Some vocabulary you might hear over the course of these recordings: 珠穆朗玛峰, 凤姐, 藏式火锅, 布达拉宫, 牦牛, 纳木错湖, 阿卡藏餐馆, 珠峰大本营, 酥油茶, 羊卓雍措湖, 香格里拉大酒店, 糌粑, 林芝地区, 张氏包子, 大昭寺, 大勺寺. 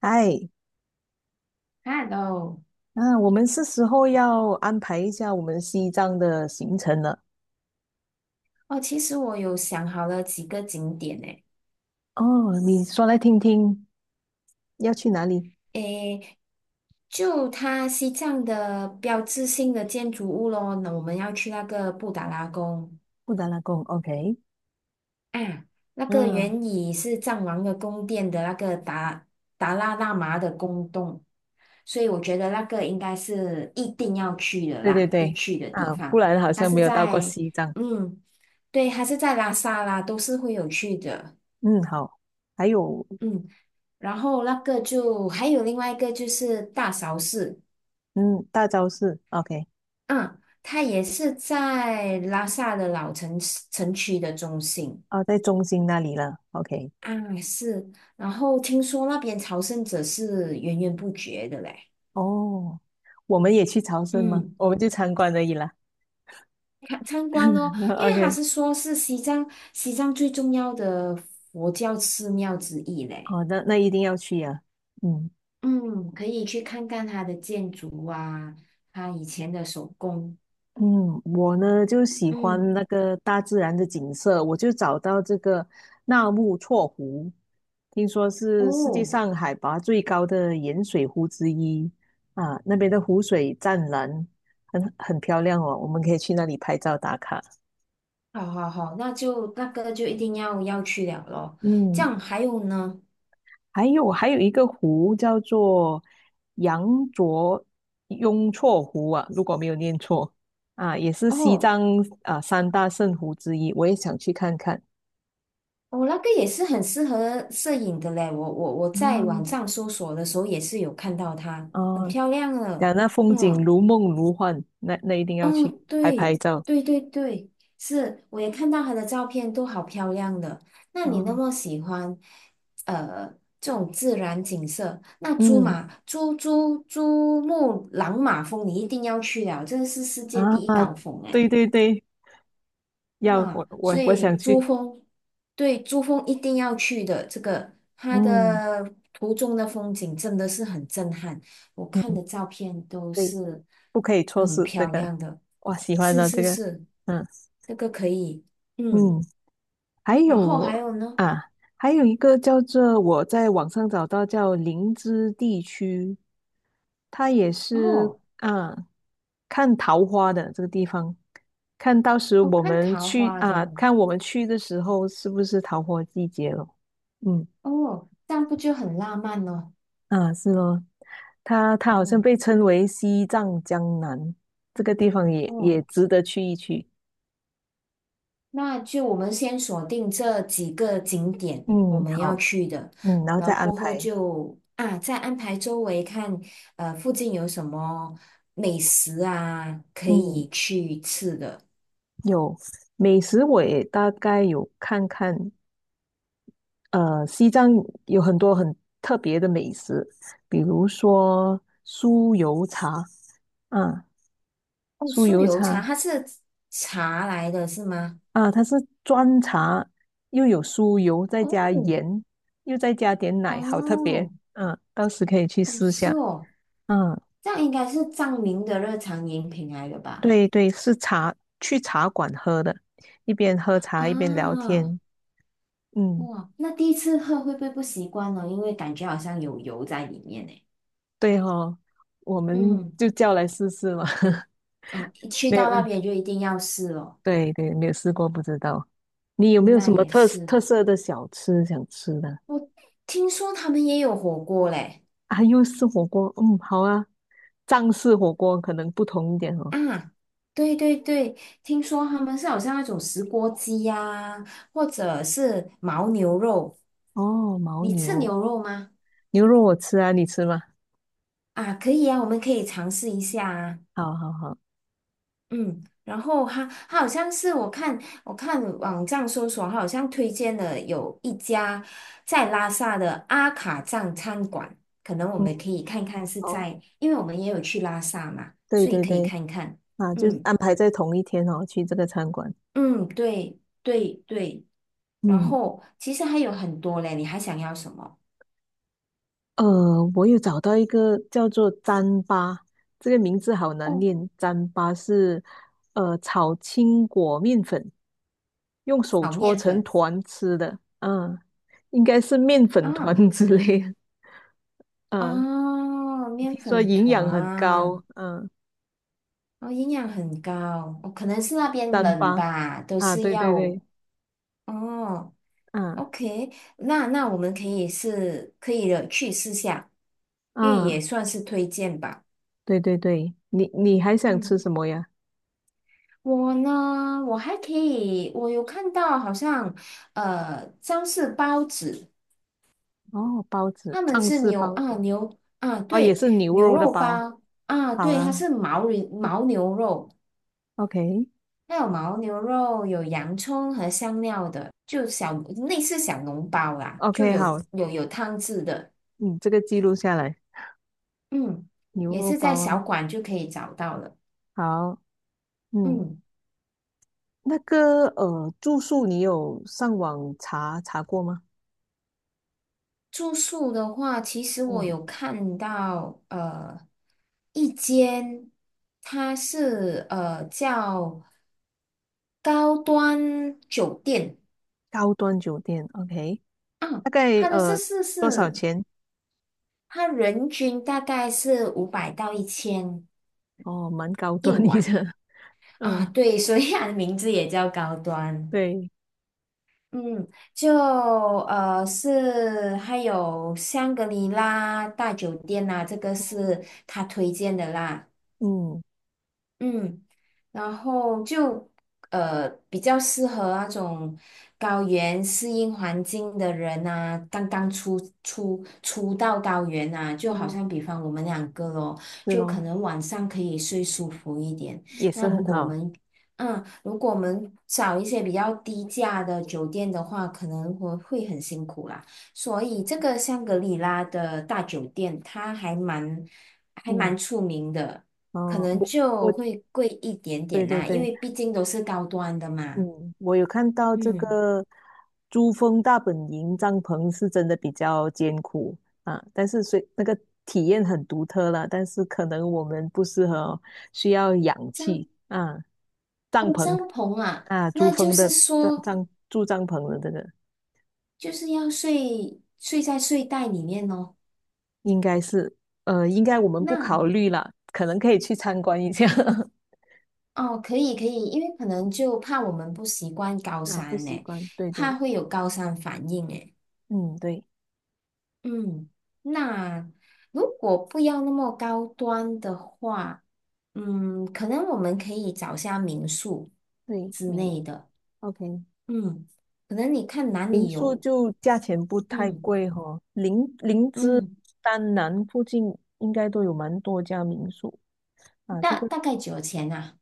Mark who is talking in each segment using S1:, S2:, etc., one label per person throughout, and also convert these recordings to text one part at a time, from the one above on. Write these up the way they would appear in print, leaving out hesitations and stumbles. S1: 哎，
S2: h e
S1: 那我们是时候要安排一下我们西藏的行程了。
S2: 哦，其实我有想好了几个景点诶，
S1: 哦，你说来听听，要去哪里？
S2: 诶，就它西藏的标志性的建筑物咯，那我们要去那个布达拉宫
S1: 布达拉宫，OK。
S2: 啊，那个
S1: 嗯，
S2: 原以是藏王的宫殿的那个达拉喇嘛的宫洞，所以我觉得那个应该是一定要去的
S1: 对对
S2: 啦，必
S1: 对，
S2: 去的地
S1: 啊，不
S2: 方。
S1: 然好
S2: 它
S1: 像
S2: 是
S1: 没有到过
S2: 在，
S1: 西藏。
S2: 嗯，对，它是在拉萨啦，都是会有去的。
S1: 嗯，好。还有，
S2: 嗯。然后那个就还有另外一个就是大勺寺，
S1: 嗯，大昭寺，OK。
S2: 嗯，它也是在拉萨的老城市城区的中心
S1: 啊，在中心那里了，OK。
S2: 啊，是。然后听说那边朝圣者是源源不绝的嘞，
S1: 哦，我们也去朝圣吗？
S2: 嗯，
S1: 我们就参观而已啦。
S2: 看参观咯，因为他是
S1: OK。
S2: 说是西藏最重要的佛教寺庙之一嘞，
S1: 哦，那一定要去呀、啊嗯。
S2: 嗯，可以去看看它的建筑啊，它以前的手工，
S1: 嗯，我呢就喜欢
S2: 嗯，
S1: 那个大自然的景色，我就找到这个纳木错湖，听说是世界
S2: 哦。
S1: 上海拔最高的盐水湖之一啊，那边的湖水湛蓝，很漂亮哦，我们可以去那里拍照打卡。
S2: 好好好，那就那个就一定要去了咯。这
S1: 嗯，
S2: 样还有呢？
S1: 还有一个湖叫做羊卓雍措湖啊，如果没有念错啊，也是西
S2: 哦，
S1: 藏啊三大圣湖之一，我也想去看看。
S2: 那个也是很适合摄影的嘞。我
S1: 啊，
S2: 在网上搜索的时候也是有看到它，很
S1: 哦，
S2: 漂亮了。
S1: 讲那风景
S2: 嗯，
S1: 如梦如幻，那一定要
S2: 哦，
S1: 去拍拍
S2: 对
S1: 照。
S2: 对对对，是，我也看到它的照片，都好漂亮的。那你那
S1: 哦，
S2: 么喜欢呃这种自然景色，那珠
S1: 嗯，
S2: 马珠珠珠穆朗玛峰你一定要去了，这是世界
S1: 啊，
S2: 第一高峰
S1: 对
S2: 哎。
S1: 对对，要
S2: 啊，
S1: 我我
S2: 所
S1: 我
S2: 以
S1: 想
S2: 珠
S1: 去。
S2: 峰，对，珠峰一定要去的。这个它
S1: 嗯
S2: 的途中的风景真的是很震撼，我看
S1: 嗯，
S2: 的照片都
S1: 对，
S2: 是
S1: 不可以错
S2: 很
S1: 失这
S2: 漂
S1: 个。哇，喜欢
S2: 是
S1: 的这
S2: 是
S1: 个，
S2: 是，
S1: 嗯
S2: 这个可以，嗯。
S1: 嗯。还
S2: 然后
S1: 有
S2: 还有呢？
S1: 啊，还有一个叫做我在网上找到叫林芝地区，它也
S2: 哦，
S1: 是啊，看桃花的这个地方，看到时
S2: 哦，
S1: 我
S2: 看
S1: 们
S2: 桃
S1: 去
S2: 花
S1: 啊，
S2: 的，
S1: 看我们去的时候是不是桃花季节了？嗯
S2: 哦，这样不就很浪漫了？
S1: 啊，是咯，它好像
S2: 哦
S1: 被称为西藏江南，这个地方也
S2: 哦。
S1: 值得去一去。
S2: 那就我们先锁定这几个景点我
S1: 嗯，
S2: 们要
S1: 好，
S2: 去的，
S1: 嗯，然后
S2: 然
S1: 再
S2: 后
S1: 安
S2: 过后
S1: 排。
S2: 就啊再安排周围看，附近有什么美食啊可
S1: 嗯。
S2: 以去吃的。
S1: 有美食，我也大概有看看。西藏有很多很特别的美食，比如说酥油茶啊，
S2: 哦，
S1: 酥
S2: 酥
S1: 油
S2: 油茶
S1: 茶
S2: 它是茶来的是吗？
S1: 啊，它是砖茶，又有酥油，再加
S2: 哦
S1: 盐，又再加点奶，好特别。
S2: 哦
S1: 嗯、到时可以去
S2: 哦
S1: 试
S2: 是
S1: 下。
S2: 哦，
S1: 嗯、
S2: 这样应该是藏民的日常饮品来的吧？
S1: 对对，是茶，去茶馆喝的，一边喝茶一边聊
S2: 啊
S1: 天。嗯，
S2: 哇，那第一次喝会不会不习惯呢？因为感觉好像有油在里面呢。
S1: 对哦，我们
S2: 嗯
S1: 就叫来试试嘛。
S2: 嗯，一去
S1: 没有，
S2: 到那
S1: 嗯
S2: 边就一定要试哦。
S1: 对对，没有试过，不知道。你有没有什
S2: 那
S1: 么
S2: 也
S1: 特
S2: 是，
S1: 特色的小吃想吃的？
S2: 我听说他们也有火锅嘞。
S1: 啊，又是火锅，嗯，好啊。藏式火锅可能不同一点哦。
S2: 啊，对对对，听说他们是好像那种石锅鸡呀、或者是牦牛肉。
S1: 哦，牦
S2: 你吃
S1: 牛
S2: 牛肉吗？
S1: 牛肉我吃啊，你吃吗？
S2: 啊，可以啊，我们可以尝试一下啊。
S1: 好好好，
S2: 嗯，然后他好像是我看我看网站搜索，他好像推荐了有一家在拉萨的阿卡藏餐馆，可能我
S1: 嗯，
S2: 们可以看看是
S1: 哦，
S2: 在，因为我们也有去拉萨嘛，
S1: 对
S2: 所以
S1: 对
S2: 可以
S1: 对，
S2: 看看。
S1: 啊，就
S2: 嗯
S1: 安排在同一天哦，去这个餐馆。
S2: 嗯，对对对，然
S1: 嗯，
S2: 后其实还有很多嘞，你还想要什么？
S1: 我有找到一个叫做糌粑，这个名字好难
S2: 哦，
S1: 念。糌粑是炒青果面粉，用手
S2: 炒
S1: 搓
S2: 面
S1: 成
S2: 粉
S1: 团吃的。嗯，应该是面粉
S2: 啊，
S1: 团 之类的嗯，
S2: 哦，面
S1: 听说
S2: 粉
S1: 营养很高。
S2: 团，
S1: 嗯，
S2: 哦，营养很高，哦，可能是那边
S1: 糌
S2: 冷
S1: 粑
S2: 吧，都
S1: 啊，
S2: 是
S1: 对对
S2: 要
S1: 对，
S2: 哦
S1: 嗯
S2: ，OK,那我们可以是可以的去试下，因为也
S1: 嗯，
S2: 算是推荐吧。
S1: 对对对，你还想
S2: 嗯，
S1: 吃什么呀？
S2: 我呢，我还可以，我有看到好像张氏包子，
S1: 哦，包子，
S2: 他们
S1: 藏
S2: 是
S1: 式
S2: 牛
S1: 包
S2: 啊
S1: 子，
S2: 牛啊
S1: 哦，也
S2: 对
S1: 是牛
S2: 牛
S1: 肉的
S2: 肉
S1: 包。
S2: 包啊
S1: 好
S2: 对，它是
S1: 啊
S2: 牦牛肉。
S1: ，OK
S2: 它有牦牛肉，有洋葱和香料的，就小类似小笼包啦，就
S1: OK，
S2: 有
S1: 好。
S2: 有有汤汁的，
S1: 嗯，这个记录下来，
S2: 嗯，
S1: 牛
S2: 也
S1: 肉
S2: 是在
S1: 包
S2: 小
S1: 啊，
S2: 馆就可以找到了。
S1: 好，嗯，
S2: 嗯，
S1: 那个住宿你有上网查查过吗？
S2: 住宿的话，其实我
S1: 嗯，
S2: 有看到呃一间，它是叫高端酒店
S1: 高端酒店，OK，
S2: 啊，
S1: 大概
S2: 它的设施
S1: 多少
S2: 是
S1: 钱？
S2: 它人均大概是500到1000
S1: 哦，蛮高
S2: 一
S1: 端一
S2: 晚。
S1: 的，
S2: 啊，
S1: 嗯，
S2: 对，所以它的名字也叫高端。
S1: 对，
S2: 嗯，就是还有香格里拉大酒店呐、这个是他推荐的啦。
S1: 嗯，
S2: 嗯。然后就比较适合那种高原适应环境的人呐，刚刚出到高原啊，就好
S1: 哦，
S2: 像比方我们两个咯，
S1: 是
S2: 就
S1: 咯，
S2: 可能晚上可以睡舒服一点。
S1: 也
S2: 那
S1: 是
S2: 如
S1: 很
S2: 果我
S1: 好，
S2: 们嗯，如果我们找一些比较低价的酒店的话，可能会很辛苦啦。所以这个香格里拉的大酒店，它还蛮还
S1: 嗯，
S2: 蛮出名的。可
S1: 哦，
S2: 能
S1: 我
S2: 就会贵一点
S1: 对
S2: 点
S1: 对
S2: 啦，因
S1: 对。
S2: 为毕竟都是高端的嘛。
S1: 嗯，我有看到这
S2: 嗯，
S1: 个珠峰大本营帐篷是真的比较艰苦啊，但是虽那个体验很独特了，但是可能我们不适合哦需要氧气
S2: 帐
S1: 啊，帐
S2: 哦帐
S1: 篷
S2: 篷啊，
S1: 啊，珠
S2: 那就
S1: 峰
S2: 是
S1: 的
S2: 说
S1: 住帐篷的这个
S2: 就是要睡在睡袋里面哦。
S1: 应该是应该我们不考
S2: 那
S1: 虑了，可能可以去参观一下
S2: 哦可以可以，因为可能就怕我们不习惯高
S1: 啊，不
S2: 山
S1: 习
S2: 呢，
S1: 惯，对
S2: 怕
S1: 对
S2: 会有高山反应诶。
S1: 嗯，对，
S2: 嗯，那如果不要那么高端的话，嗯，可能我们可以找下民宿
S1: 对，
S2: 之类的。
S1: OK。
S2: 嗯，可能你看哪
S1: 民
S2: 里
S1: 宿
S2: 有，
S1: 就价钱不太
S2: 嗯
S1: 贵哈、林芝、
S2: 嗯，
S1: 丹南附近应该都有蛮多家民宿啊。这
S2: 大
S1: 个
S2: 大概九钱呐、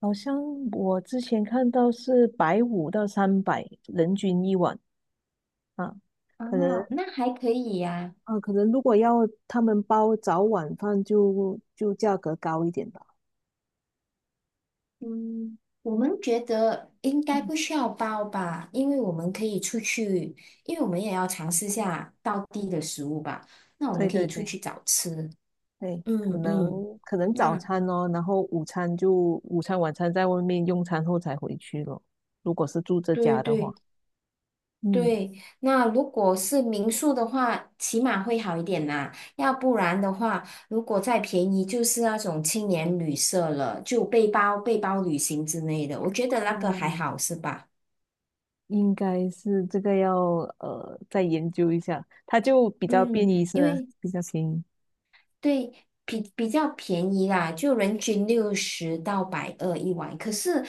S1: 好像我之前看到是150到300人均一晚啊，
S2: 啊，
S1: 可能
S2: 哦那还可以呀、
S1: 啊，可能如果要他们包早晚饭就价格高一点吧。
S2: 嗯，我们觉得应该
S1: 嗯，
S2: 不需要包吧，因为我们可以出去，因为我们也要尝试下道地的食物吧，那我
S1: 对
S2: 们可以
S1: 对
S2: 出
S1: 对
S2: 去找吃，
S1: 对，可
S2: 嗯嗯，
S1: 能可能早
S2: 那
S1: 餐哦，然后午餐晚餐在外面用餐后才回去咯。如果是住这
S2: 对
S1: 家的话。
S2: 对，
S1: 嗯，
S2: 对，那如果是民宿的话，起码会好一点啦。要不然的话，如果再便宜，就是那种青年旅社了，就背包旅行之类的。我觉得那个
S1: 哦，
S2: 还好，是吧？
S1: 应该是这个要再研究一下，它就比较便
S2: 嗯，
S1: 宜是
S2: 因
S1: 吗？
S2: 为
S1: 比较便宜，
S2: 对比较便宜啦，就人均60到120一晚。可是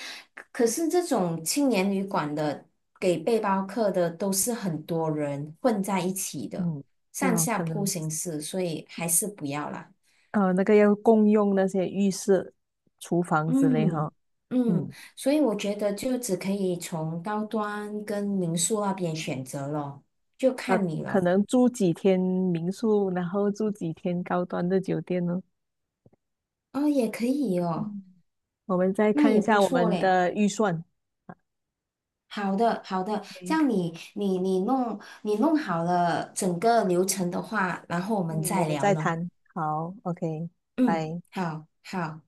S2: 可是这种青年旅馆的给背包客的都是很多人混在一起的，
S1: 嗯，是
S2: 上
S1: 哦，
S2: 下
S1: 可
S2: 铺
S1: 能
S2: 形式，所以还是不要啦。
S1: 呃那个要共用那些浴室、厨房之类哈，
S2: 嗯嗯，
S1: 嗯，
S2: 所以我觉得就只可以从高端跟民宿那边选择咯，就
S1: 可
S2: 看你
S1: 可
S2: 了。
S1: 能住几天民宿，然后住几天高端的酒店呢？
S2: 哦，也可以哦，
S1: 嗯，我们再
S2: 那
S1: 看一
S2: 也不
S1: 下我
S2: 错
S1: 们
S2: 嘞。
S1: 的预算 o
S2: 好的好的，这样你弄好了整个流程的话，然后我
S1: 嗯，
S2: 们
S1: 我
S2: 再
S1: 们
S2: 聊
S1: 再
S2: 咯。
S1: 谈，好，OK，
S2: 嗯，
S1: 拜
S2: 好好，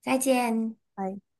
S2: 再见。
S1: 拜。